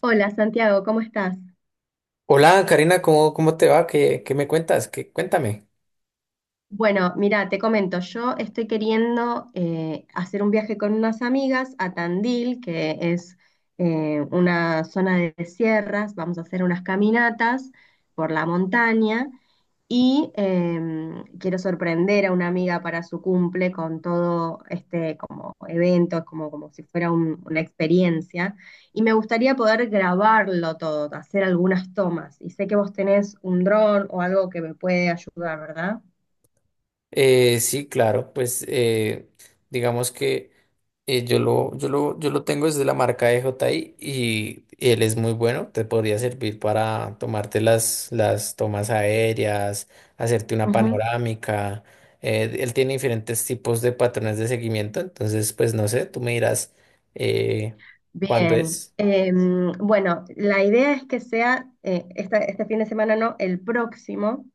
Hola Santiago, ¿cómo estás? Hola Karina, ¿cómo, cómo te va? ¿Qué me cuentas? ¿Qué, cuéntame. Bueno, mira, te comento, yo estoy queriendo hacer un viaje con unas amigas a Tandil, que es una zona de sierras. Vamos a hacer unas caminatas por la montaña, y quiero sorprender a una amiga para su cumple con todo este como evento, como, como si fuera una experiencia, y me gustaría poder grabarlo todo, hacer algunas tomas, y sé que vos tenés un dron o algo que me puede ayudar, ¿verdad? Sí, claro, digamos que yo lo tengo desde la marca de JI y él es muy bueno, te podría servir para tomarte las tomas aéreas, hacerte una Ujú. panorámica. Él tiene diferentes tipos de patrones de seguimiento, entonces pues no sé, tú me dirás eh, cuándo Bien. es. Bueno, la idea es que sea, este fin de semana no, el próximo,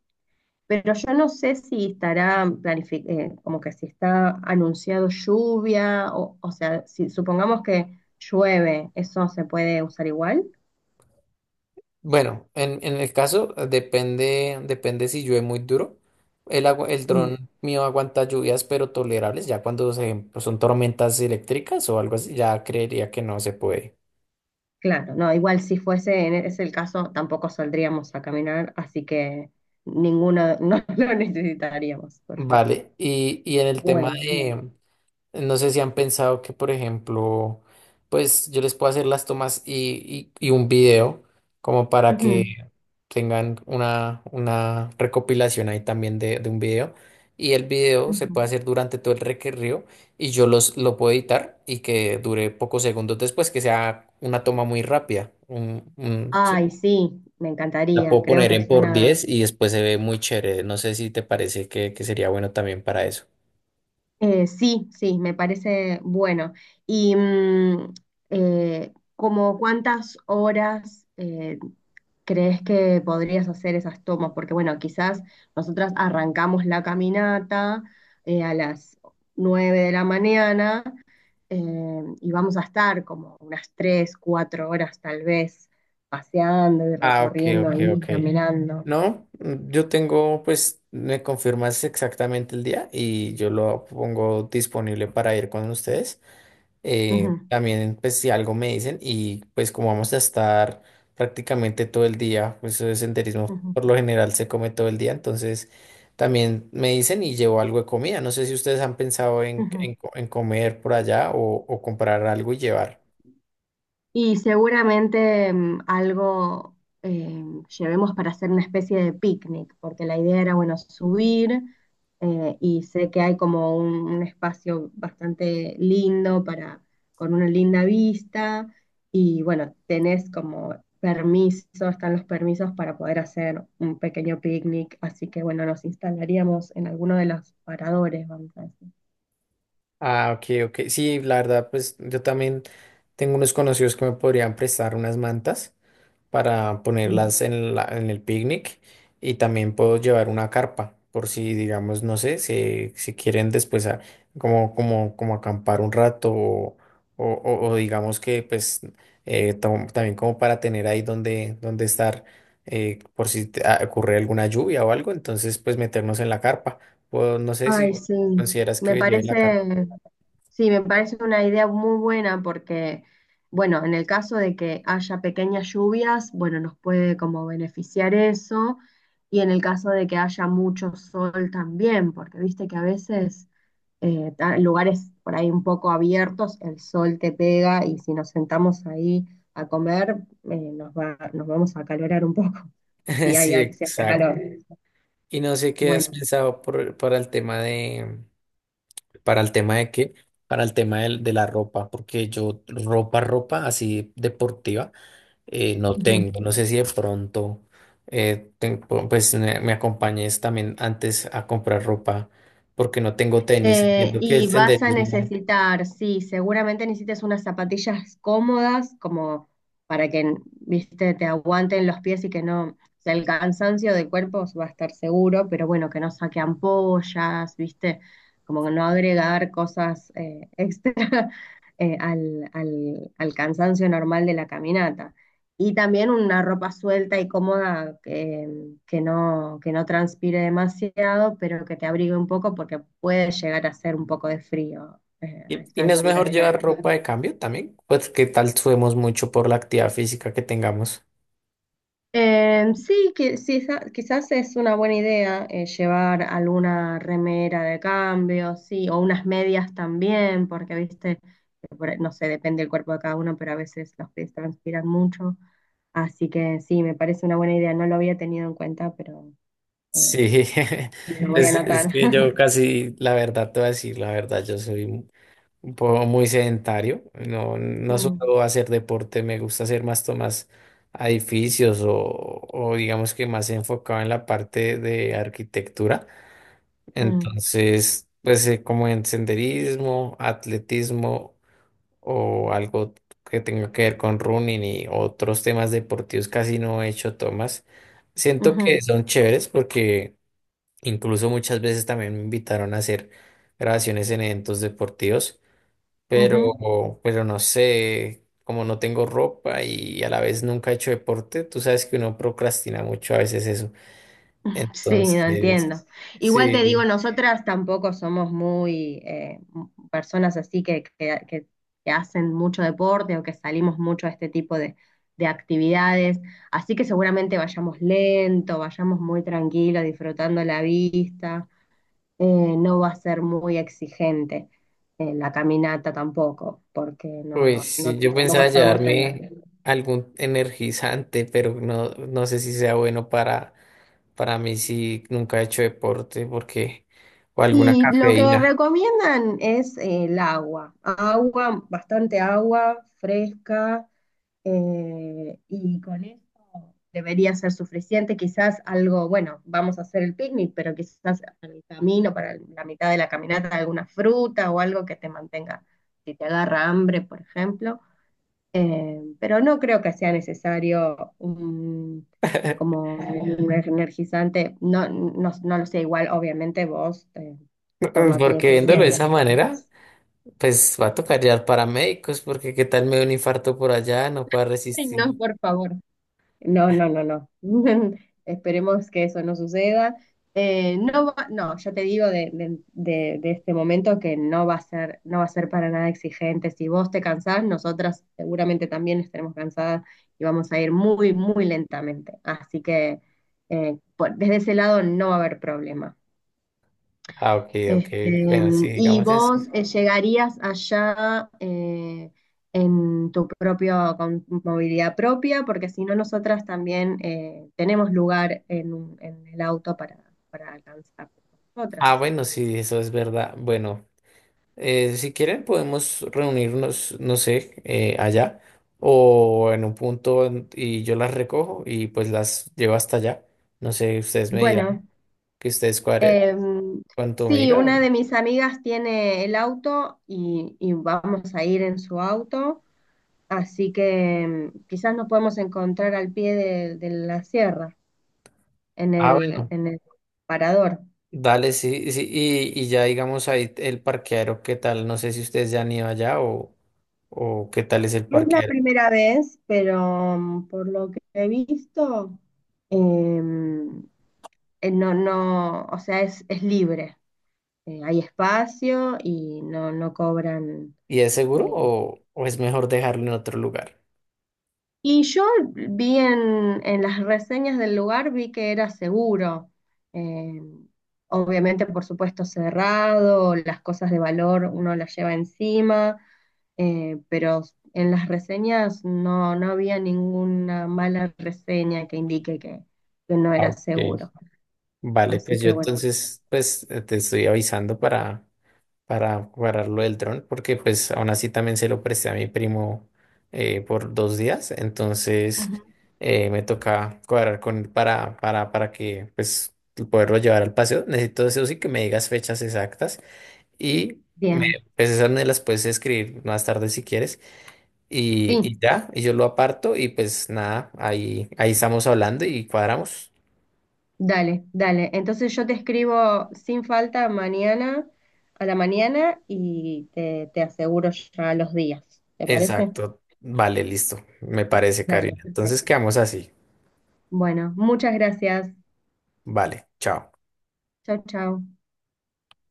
pero yo no sé si estará como que si está anunciado lluvia, o sea, si supongamos que llueve, ¿eso se puede usar igual? Bueno, en el caso, depende si llueve muy duro. El agua, el Mm, dron mío aguanta lluvias, pero tolerables. Ya cuando pues, son tormentas eléctricas o algo así, ya creería que no se puede. claro. No, igual si fuese en ese el caso, tampoco saldríamos a caminar, así que ninguno, no lo necesitaríamos, perfecto. Vale. Y en el tema. Bueno, bien. No sé si han pensado que, por ejemplo, pues yo les puedo hacer las tomas y un video como para que Ujú, tengan una recopilación ahí también de un video. Y el video se ujú. puede hacer durante todo el recorrido y lo puedo editar y que dure pocos segundos después, que sea una toma muy rápida. Ay, Sí. sí, me La encantaría, puedo creo poner que en por suena... 10 y después se ve muy chévere. No sé si te parece que sería bueno también para eso. Sí, sí, me parece bueno. ¿Y como cuántas horas crees que podrías hacer esas tomas? Porque bueno, quizás nosotras arrancamos la caminata a las 9 de la mañana, y vamos a estar como unas 3, 4 horas tal vez paseando y Ah, ok, recorriendo ok, ok. ahí, caminando. No, mm, yo tengo, pues, me confirmas exactamente el día y yo lo pongo disponible para ir con ustedes. Ujú, También, pues, si algo me dicen y pues como vamos a estar prácticamente todo el día, pues eso de senderismo ujú, por lo general se come todo el día, entonces también me dicen y llevo algo de comida. No sé si ustedes han pensado ujú. En comer por allá o comprar algo y llevar. Y seguramente algo eh, llevemos para hacer una especie de picnic, porque la idea era, bueno, subir, y sé que hay como un espacio bastante lindo para, con una linda vista, y bueno, tenés como permiso, están los permisos para poder hacer un pequeño picnic, así que bueno, nos instalaríamos en alguno de los paradores, vamos a decir. Ah, ok, ok. Sí, la verdad, pues yo también tengo unos conocidos que me podrían prestar unas mantas para Mm. ponerlas en el picnic y también puedo llevar una carpa por si, digamos, no sé, si quieren como acampar un rato o digamos que pues también como para tener ahí donde estar por si ocurre alguna lluvia o algo, entonces pues meternos en la carpa. O no sé Ay, si consideras me que lleve la carpa. parece, sí, me parece una idea muy buena, porque bueno, en el caso de que haya pequeñas lluvias, bueno, nos puede como beneficiar eso, y en el caso de que haya mucho sol también, porque viste que a veces lugares por ahí un poco abiertos, el sol te pega, y si nos sentamos ahí a comer, nos va, nos vamos a acalorar un poco, si hay, Sí, si hace exacto. calor. Y no sé qué has Bueno. Para el tema de, para el tema de qué, para el tema de la ropa, porque yo ropa, ropa así deportiva no tengo. No sé si de pronto, pues me acompañes también antes a comprar ropa, porque no tengo tenis. Entiendo que el Y vas a senderismo. necesitar, sí, seguramente necesites unas zapatillas cómodas, como para que, viste, te aguanten los pies, y que no, o sea, el cansancio del cuerpo va a estar seguro, pero bueno, que no saque ampollas, viste, como que no agregar cosas extra al, al cansancio normal de la caminata. Y también una ropa suelta y cómoda que no transpire demasiado, pero que te abrigue un poco porque puede llegar a hacer un poco de frío a Y esta no es altura mejor del llevar ropa año. de cambio también, pues qué tal subimos mucho por la actividad física que tengamos. Sí, que, sí, quizás es una buena idea llevar alguna remera de cambio, sí, o unas medias también, porque viste, que no sé, depende del cuerpo de cada uno, pero a veces los pies transpiran mucho. Así que sí, me parece una buena idea, no lo había tenido en cuenta, pero... eh, Sí, lo voy a pues anotar. es que yo casi, la verdad te voy a decir, la verdad, yo soy un poco muy sedentario, no, no Mm, suelo hacer deporte, me gusta hacer más tomas a edificios o digamos que más enfocado en la parte de arquitectura, mm, entonces, como en senderismo, atletismo o algo que tenga que ver con running y otros temas deportivos, casi no he hecho tomas. Siento ujú, que son chéveres porque incluso muchas veces también me invitaron a hacer grabaciones en eventos deportivos, pero, ujú. pero no sé, como no tengo ropa y a la vez nunca he hecho deporte, tú sabes que uno procrastina mucho a veces eso. Sí, no Entonces, entiendo. Igual te digo, sí, nosotras tampoco somos muy personas así que, que hacen mucho deporte o que salimos mucho a este tipo de actividades. Así que seguramente vayamos lento, vayamos muy tranquilos, disfrutando la vista. No va a ser muy exigente la caminata tampoco, porque no, pues no, no, sí, yo tampoco pensaba estamos en la- llevarme algún energizante, pero no, no sé si sea bueno para mí si nunca he hecho deporte, porque, o alguna Y lo que cafeína, recomiendan es el agua, agua, bastante agua fresca, y con eso debería ser suficiente. Quizás algo, bueno, vamos a hacer el picnic, pero quizás para el camino, para la mitad de la caminata, alguna fruta o algo que te mantenga, si te agarra hambre, por ejemplo, pero no creo que sea necesario un, como un energizante. No, no, no lo sé, igual obviamente vos toma tu porque viéndolo de decisión. esa manera. Pues va a tocar ya paramédicos, porque qué tal me da un infarto por allá, no pueda Ay, resistir. no, por favor. No, no, no, no. Esperemos que eso no suceda. No, va- no, ya te digo de este momento que no va a ser, no va a ser para nada exigente. Si vos te cansás, nosotras seguramente también estaremos cansadas, y vamos a ir muy, muy lentamente. Así que desde ese lado no va a haber problema. Ah, ok, ok. Este, Bueno, sí, y digamos eso. vos llegarías allá, en tu propia con movilidad propia, porque si no, nosotras también tenemos lugar en, en el auto para alcanzar Ah, nosotras. Y bueno, sí, eso es verdad. Bueno, si quieren podemos reunirnos, no sé, allá o en un y yo las recojo y pues las llevo hasta allá. No sé, ustedes me dirán bueno, que ustedes cuadren em, cuánto me sí, diga. una de mis amigas tiene el auto, y vamos a ir en su auto, así que em, quizás nos podemos encontrar al pie de la sierra, Ah, bueno. en el parador. Dale, sí, sí, y ya digamos ahí el parqueadero, ¿qué tal? No sé si ustedes ya han ido allá o qué tal es el Es la parqueadero. primera vez, pero mm, por lo que he visto, em, no, no, o sea, es libre. Hay espacio y no, no cobran. ¿Y es seguro eh, o es mejor dejarlo en otro lugar? Y yo vi en las reseñas del lugar, vi que era seguro. Eh, obviamente, por supuesto, cerrado, las cosas de valor uno las lleva encima, pero en las reseñas no, no había ninguna mala reseña que indique que no Ah, era ok. seguro. Vale, Así pues yo que bueno. entonces te estoy avisando para cuadrar lo del dron, porque pues aún así también se lo presté a mi primo por 2 días, entonces Ujú. eh, me toca cuadrar con él para que pues poderlo llevar al paseo. Necesito eso sí que me digas fechas exactas. Y me, Bien, pues esas me las puedes escribir más tarde si quieres. Sí. Y ya, y yo lo aparto y pues nada, ahí, ahí estamos hablando y cuadramos. Dale, dale. Entonces yo te escribo sin falta mañana a la mañana y te aseguro ya los días. ¿Te parece? Exacto. Vale, listo. Me parece, Dale, Karina. Entonces perfecto. quedamos así. Bueno, muchas gracias. Vale, chao. Chau, chau.